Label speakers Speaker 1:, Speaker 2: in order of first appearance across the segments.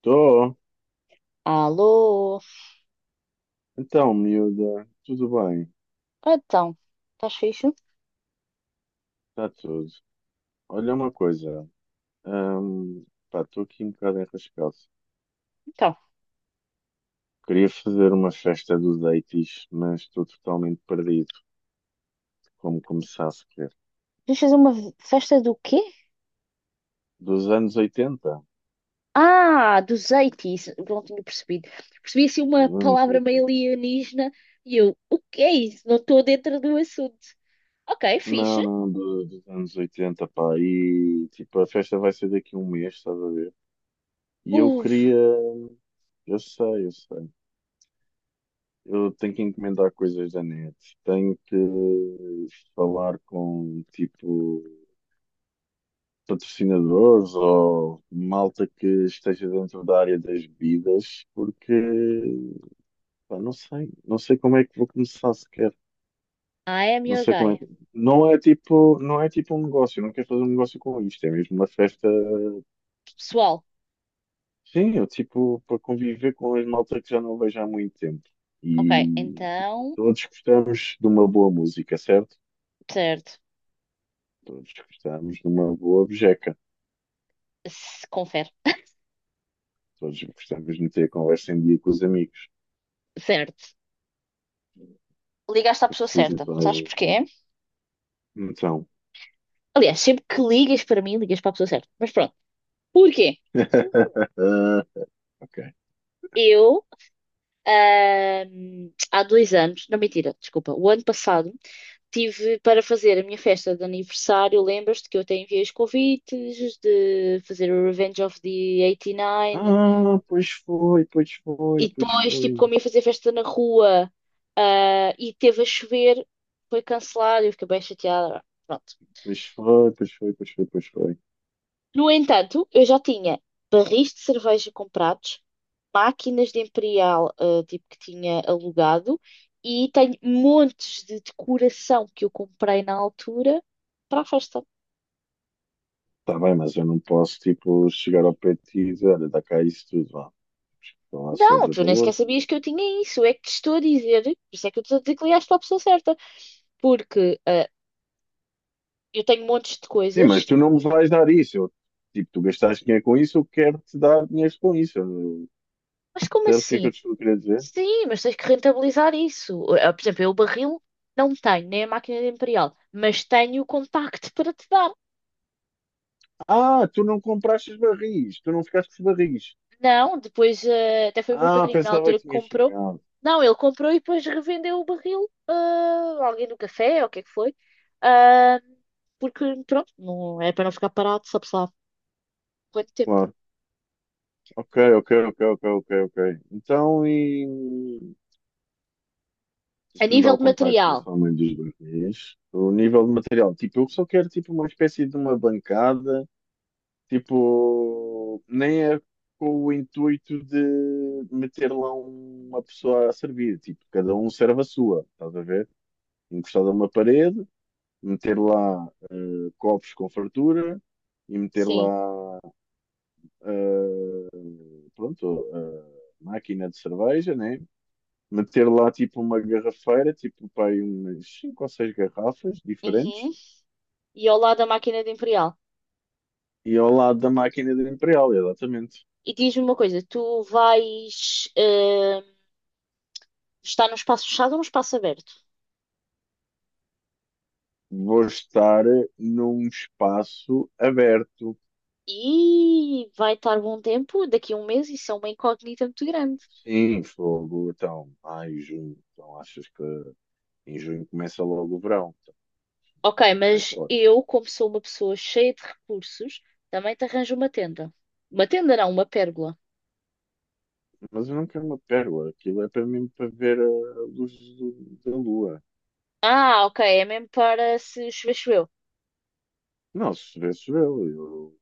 Speaker 1: Tô.
Speaker 2: Alô?
Speaker 1: Então, miúda, tudo bem?
Speaker 2: Então, estás fixe?
Speaker 1: Está tudo. Olha uma coisa. Hum, pá, estou aqui um bocado enrascado.
Speaker 2: Então,
Speaker 1: Queria fazer uma festa dos 80, mas estou totalmente perdido. Como começar sequer?
Speaker 2: vamos fazer uma festa do quê?
Speaker 1: Dos anos 80?
Speaker 2: Ah, dos 80. Não tinha percebido. Percebi assim uma
Speaker 1: Dos anos
Speaker 2: palavra meio
Speaker 1: 80?
Speaker 2: alienígena e eu, o que é isso? Não estou dentro do assunto. Ok, fixe.
Speaker 1: Não, não, dos anos oitenta, pá. E, tipo, a festa vai ser daqui a um mês, estás a ver? E eu
Speaker 2: Uf,
Speaker 1: queria... Eu sei, eu sei. Eu tenho que encomendar coisas da net, tenho que falar com tipo patrocinadores ou malta que esteja dentro da área das bebidas, porque pá, não sei, não sei como é que vou começar sequer.
Speaker 2: I am
Speaker 1: Não
Speaker 2: your
Speaker 1: sei como é
Speaker 2: guy.
Speaker 1: que. Não é tipo, não é tipo um negócio, eu não quero fazer um negócio com isto, é mesmo uma festa.
Speaker 2: Pessoal,
Speaker 1: Sim, eu tipo para conviver com as malta que já não vejo há muito tempo.
Speaker 2: ok,
Speaker 1: E tipo,
Speaker 2: então,
Speaker 1: todos gostamos de uma boa música, certo?
Speaker 2: certo.
Speaker 1: Todos gostamos de uma boa bejeca.
Speaker 2: Confere,
Speaker 1: Todos gostamos de meter a conversa em dia com os amigos.
Speaker 2: certo. Ligaste à
Speaker 1: Eu
Speaker 2: pessoa
Speaker 1: preciso de
Speaker 2: certa.
Speaker 1: toda a
Speaker 2: Sabes
Speaker 1: gente.
Speaker 2: porquê?
Speaker 1: Então.
Speaker 2: Aliás, sempre que ligas para mim, ligas para a pessoa certa. Mas pronto, porquê?
Speaker 1: Ok.
Speaker 2: Eu. Há 2 anos, não mentira, desculpa, o ano passado tive para fazer a minha festa de aniversário. Lembras-te que eu até enviei os convites de fazer o Revenge of the 89 e nove?
Speaker 1: Ah, pois foi, pois foi,
Speaker 2: E
Speaker 1: pois
Speaker 2: depois, tipo,
Speaker 1: foi.
Speaker 2: como ia fazer festa na rua, ah, e teve a chover, foi cancelado. Eu fiquei bem chateada. Pronto.
Speaker 1: Pois foi, pois foi, pois foi, pois foi.
Speaker 2: No entanto, eu já tinha barris de cerveja comprados, máquinas de Imperial, tipo que tinha alugado, e tenho montes de decoração que eu comprei na altura para a festa.
Speaker 1: Está bem, mas eu não posso, tipo, chegar ao pé de ti e dizer, olha, dá cá isso tudo, vá. Falar
Speaker 2: Não,
Speaker 1: sobre
Speaker 2: tu nem sequer
Speaker 1: valores, tudo.
Speaker 2: sabias que eu tinha isso, é que te estou a dizer, por isso é que eu estou a dizer que ligaste para a pessoa certa, porque eu tenho montes de
Speaker 1: Sim, mas
Speaker 2: coisas,
Speaker 1: tu não me vais dar isso. Eu, tipo, tu gastaste dinheiro com isso, eu quero-te dar dinheiro com isso. Eu-
Speaker 2: mas como
Speaker 1: Sabes o que é que eu
Speaker 2: assim?
Speaker 1: te estou a querer dizer?
Speaker 2: Sim, mas tens que rentabilizar isso. Por exemplo, eu o barril não tenho, nem a máquina de Imperial, mas tenho o contacto para te dar.
Speaker 1: Ah, tu não compraste os barris, tu não ficaste com os barris.
Speaker 2: Não, depois até foi o meu
Speaker 1: Ah,
Speaker 2: padrinho na
Speaker 1: pensava
Speaker 2: altura
Speaker 1: que
Speaker 2: que
Speaker 1: tinhas
Speaker 2: comprou.
Speaker 1: ficado.
Speaker 2: Não, ele comprou e depois revendeu o barril a alguém no café, ou o que é que foi. Ah, porque, pronto, não, é para não ficar parado, sabe-se lá quanto tempo.
Speaker 1: Claro. Ok, ok, ok, ok, ok, ok. Então, e tens
Speaker 2: A
Speaker 1: que me dar
Speaker 2: nível
Speaker 1: o
Speaker 2: de
Speaker 1: contacto
Speaker 2: material,
Speaker 1: dessa mãe dos barris. O nível de material. Tipo, eu só quero tipo uma espécie de uma bancada. Tipo, nem é com o intuito de meter lá uma pessoa a servir. Tipo, cada um serve a sua, estás a ver? Encostado a uma parede. Meter lá copos com fartura e meter
Speaker 2: sim.
Speaker 1: lá, eh, pronto, a máquina de cerveja, né? Meter lá tipo uma garrafeira, tipo pai, umas cinco ou seis garrafas diferentes
Speaker 2: Uhum. E ao lado da máquina de Imperial.
Speaker 1: e ao lado da máquina do Imperial, exatamente.
Speaker 2: E diz-me uma coisa, tu vais. Está num espaço fechado ou num espaço aberto.
Speaker 1: Vou estar num espaço aberto.
Speaker 2: E vai estar bom tempo, daqui a um mês, isso é uma incógnita muito grande.
Speaker 1: Sim, fogo, então, ai, junho, então achas que em junho começa logo o verão? Então,
Speaker 2: Ok,
Speaker 1: não há
Speaker 2: mas
Speaker 1: hipótese.
Speaker 2: eu, como sou uma pessoa cheia de recursos, também te arranjo uma tenda. Uma tenda não, uma pérgola.
Speaker 1: Mas eu não quero uma pérola. Aquilo é para mim para ver a luz da lua.
Speaker 2: Ah, ok, é mesmo para se chover, choveu.
Speaker 1: Não, se vê, se Eu,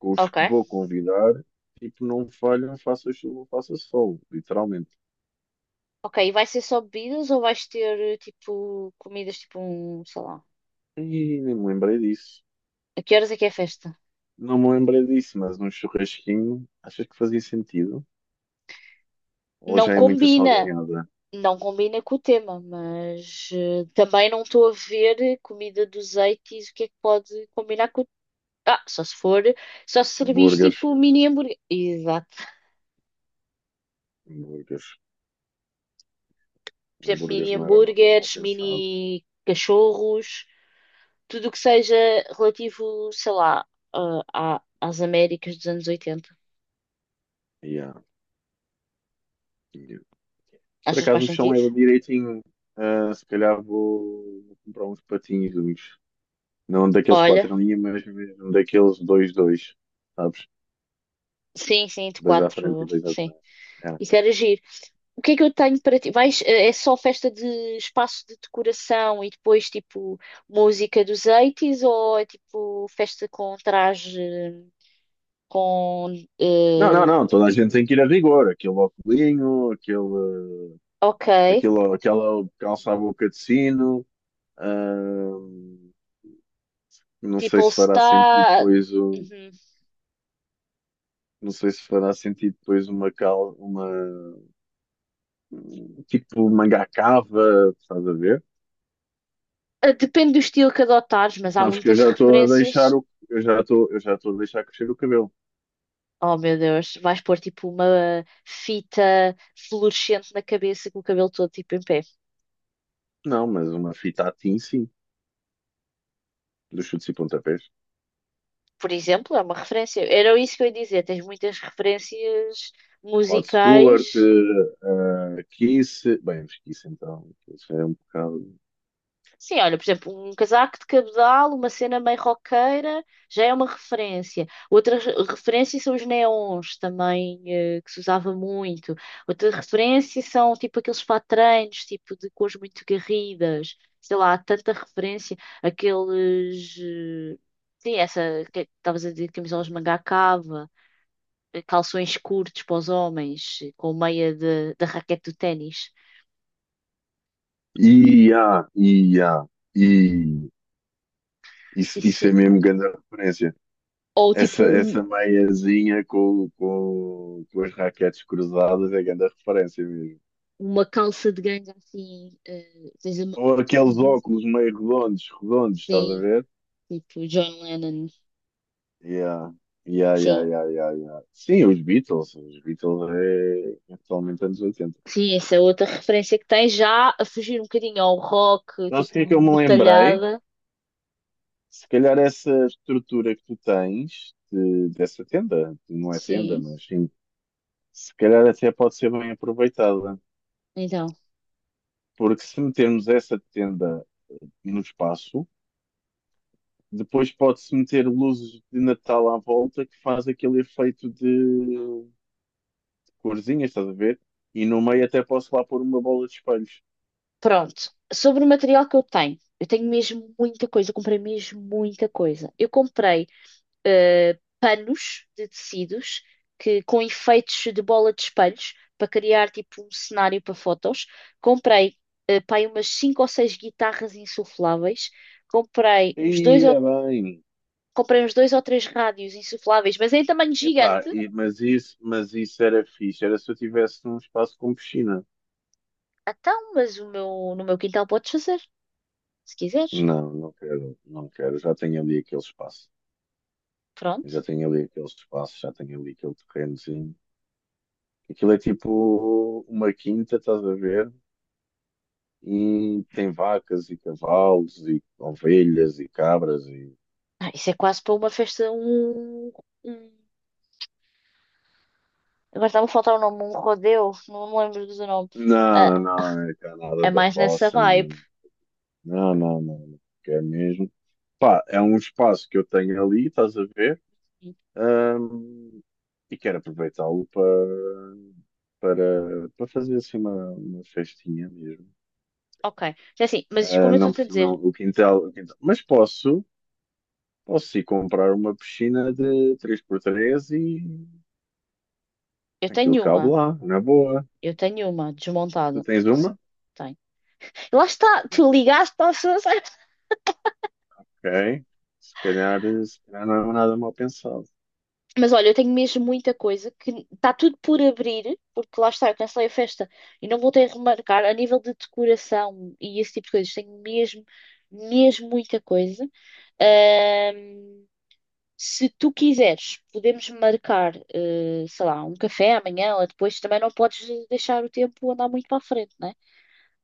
Speaker 1: com os
Speaker 2: Ok.
Speaker 1: que vou convidar, tipo, não falham, faça chuva, faça sol, literalmente.
Speaker 2: Ok, e vai ser só bebidas ou vais ter, tipo, comidas, tipo, um, sei lá.
Speaker 1: E nem me lembrei disso.
Speaker 2: A que horas é que é a festa?
Speaker 1: Não me lembrei disso, mas num churrasquinho, achas que fazia sentido? Ou
Speaker 2: Não
Speaker 1: já é muita
Speaker 2: combina!
Speaker 1: salganhada?
Speaker 2: Não combina com o tema, mas também não estou a ver comida dos 80 o que é que pode combinar com. Ah, só se for, só se servis
Speaker 1: Hambúrgueres,
Speaker 2: tipo mini hambúrguer. Exato.
Speaker 1: hambúrgueres.
Speaker 2: Por exemplo,
Speaker 1: Hambúrgueres
Speaker 2: mini
Speaker 1: não era nada mal
Speaker 2: hambúrgueres,
Speaker 1: pensado.
Speaker 2: mini cachorros, tudo o que seja relativo, sei lá, às Américas dos anos 80.
Speaker 1: Yeah, yeah. Por
Speaker 2: Achas que faz
Speaker 1: acaso o chão
Speaker 2: sentido?
Speaker 1: é direitinho. Ah, se calhar vou comprar uns patinhos. Não daqueles
Speaker 2: Olha,
Speaker 1: quatro em linha, mas mesmo daqueles dois, dois, sabes?
Speaker 2: sim, sim, de
Speaker 1: Dois à frente
Speaker 2: quatro,
Speaker 1: e dois
Speaker 2: sim.
Speaker 1: atrás. É.
Speaker 2: Isso era giro. O que é que eu tenho para ti? Vais, é só festa de espaço de decoração e depois tipo música dos 80 ou é tipo festa com traje com
Speaker 1: Não, não,
Speaker 2: eh,
Speaker 1: não, toda a gente tem que ir a rigor. Aquele óculinho, aquele,
Speaker 2: ok,
Speaker 1: aquele, aquela calça-boca de sino. ahm, não
Speaker 2: tipo
Speaker 1: sei
Speaker 2: All
Speaker 1: se fará sentido
Speaker 2: Star.
Speaker 1: depois o.
Speaker 2: Uhum.
Speaker 1: Não sei se fará sentido depois uma cal, uma tipo manga cava, estás a ver?
Speaker 2: Depende do estilo que adotares, mas há
Speaker 1: Sabes que eu
Speaker 2: muitas
Speaker 1: já estou a
Speaker 2: referências.
Speaker 1: deixar o, eu já estou a deixar crescer o cabelo.
Speaker 2: Oh meu Deus, vais pôr tipo uma fita fluorescente na cabeça com o cabelo todo tipo em pé.
Speaker 1: Não, mas uma fita a sim, dos chutes e pontapés.
Speaker 2: Por exemplo, é uma referência. Era isso que eu ia dizer. Tens muitas referências
Speaker 1: Rod Stewart,
Speaker 2: musicais.
Speaker 1: Kiss, bem, mas Kiss então, isso é um bocado.
Speaker 2: Sim, olha, por exemplo, um casaco de cabedal, uma cena meio roqueira, já é uma referência. Outra referência são os neons também, que se usava muito. Outra referência são tipo aqueles patranhos, tipo de cores muito garridas. Sei lá, há tanta referência. Aqueles. Sim, essa que estavas a dizer, camisolas de manga à cava, calções curtos para os homens, com meia da raquete do ténis.
Speaker 1: E há, e há, e isso
Speaker 2: Isso,
Speaker 1: é mesmo grande referência.
Speaker 2: ou tipo
Speaker 1: Essa meiazinha com as raquetes cruzadas é grande referência mesmo.
Speaker 2: uma calça de ganga assim, seja
Speaker 1: Ou aqueles
Speaker 2: mais isso.
Speaker 1: óculos meio redondos, redondos, estás a
Speaker 2: Sim,
Speaker 1: ver?
Speaker 2: tipo John Lennon.
Speaker 1: Yeah. Yeah,
Speaker 2: Sim.
Speaker 1: yeah,
Speaker 2: Ok.
Speaker 1: yeah, yeah, yeah. Sim, os Beatles é, é totalmente anos 80.
Speaker 2: Sim, essa é outra referência que tem já a fugir um bocadinho ao rock,
Speaker 1: Não sei o
Speaker 2: tipo
Speaker 1: que é que eu me lembrei,
Speaker 2: metalhada.
Speaker 1: se calhar essa estrutura que tu tens dessa tenda, que não é tenda,
Speaker 2: Sim,
Speaker 1: mas sim, se calhar até pode ser bem aproveitada,
Speaker 2: então,
Speaker 1: porque se metermos essa tenda no espaço, depois pode-se meter luzes de Natal à volta que faz aquele efeito de corzinhas, estás a ver? E no meio até posso lá pôr uma bola de espelhos.
Speaker 2: pronto. Sobre o material que eu tenho mesmo muita coisa, eu comprei mesmo muita coisa. Eu comprei panos de tecidos que com efeitos de bola de espelhos para criar tipo um cenário para fotos. Comprei pá, aí umas cinco ou seis guitarras insufláveis. Comprei
Speaker 1: E
Speaker 2: uns dois ou
Speaker 1: é bem.
Speaker 2: comprei uns dois ou três rádios insufláveis, mas é em tamanho
Speaker 1: Epá,
Speaker 2: gigante.
Speaker 1: mas isso era fixe, era se eu tivesse num espaço com piscina.
Speaker 2: Então, mas o meu no meu quintal podes fazer, se quiseres.
Speaker 1: Não, não quero, não quero. Já tenho ali aquele espaço.
Speaker 2: Pronto.
Speaker 1: Já tenho ali aquele espaço, já tenho ali aquele terrenozinho. Aquilo é tipo uma quinta, estás a ver? E tem vacas e cavalos e ovelhas e cabras e...
Speaker 2: Ah, isso é quase para uma festa, um- Agora estava a faltar o nome, um rodeo, não me lembro do nome. Ah,
Speaker 1: Não, não, é cá nada
Speaker 2: é
Speaker 1: da
Speaker 2: mais nessa
Speaker 1: roça, não,
Speaker 2: vibe.
Speaker 1: não, não, não, não, não, que é mesmo. Pá, é um espaço que eu tenho ali, estás a ver? Ahm, e quero aproveitá-lo para, para, para fazer assim uma festinha mesmo.
Speaker 2: Ok. É assim, mas
Speaker 1: Ah,
Speaker 2: como eu
Speaker 1: não,
Speaker 2: estou-te a
Speaker 1: porque não,
Speaker 2: dizer,
Speaker 1: o quintal, o quintal. Mas posso, posso ir comprar uma piscina de três por três e
Speaker 2: eu
Speaker 1: aquilo
Speaker 2: tenho
Speaker 1: cabe
Speaker 2: uma,
Speaker 1: lá, na boa.
Speaker 2: eu tenho uma
Speaker 1: Tu
Speaker 2: desmontada.
Speaker 1: tens uma?
Speaker 2: Tenho. Lá está, tu ligaste para a pessoa certa.
Speaker 1: Ok. Se calhar, se calhar não é nada mal pensado.
Speaker 2: Mas olha, eu tenho mesmo muita coisa que está tudo por abrir, porque lá está, eu cancelei a festa e não voltei a remarcar. A nível de decoração e esse tipo de coisas, tenho mesmo, mesmo muita coisa. Ahm, Se tu quiseres, podemos marcar, sei lá, um café amanhã ou depois. Também não podes deixar o tempo andar muito para a frente, né?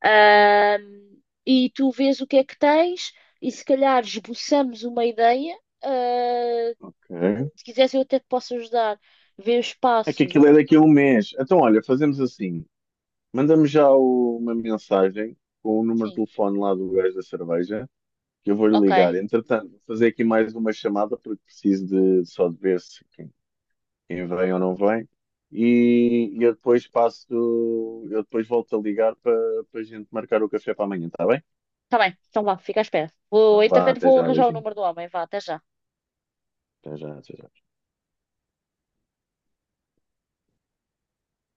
Speaker 2: E tu vês o que é que tens e se calhar esboçamos uma ideia. Ah,
Speaker 1: Ok.
Speaker 2: se quiseres, eu até te posso ajudar. Ver o
Speaker 1: É que
Speaker 2: espaço.
Speaker 1: aquilo é daqui a um mês. Então, olha, fazemos assim. Manda-me já uma mensagem com o número de
Speaker 2: Sim,
Speaker 1: telefone lá do gajo da cerveja, que eu vou-lhe
Speaker 2: ok.
Speaker 1: ligar. Entretanto, vou fazer aqui mais uma chamada porque preciso de só de ver se, quem vem ou não vem. E eu depois passo, eu depois volto a ligar para para a gente marcar o café para amanhã, está bem?
Speaker 2: Está bem, então vá, fica à espera. Vou,
Speaker 1: Então vá,
Speaker 2: entretanto,
Speaker 1: até
Speaker 2: vou
Speaker 1: já,
Speaker 2: arranjar o
Speaker 1: beijinho.
Speaker 2: número do homem. Vá, até já.
Speaker 1: Até já, até já.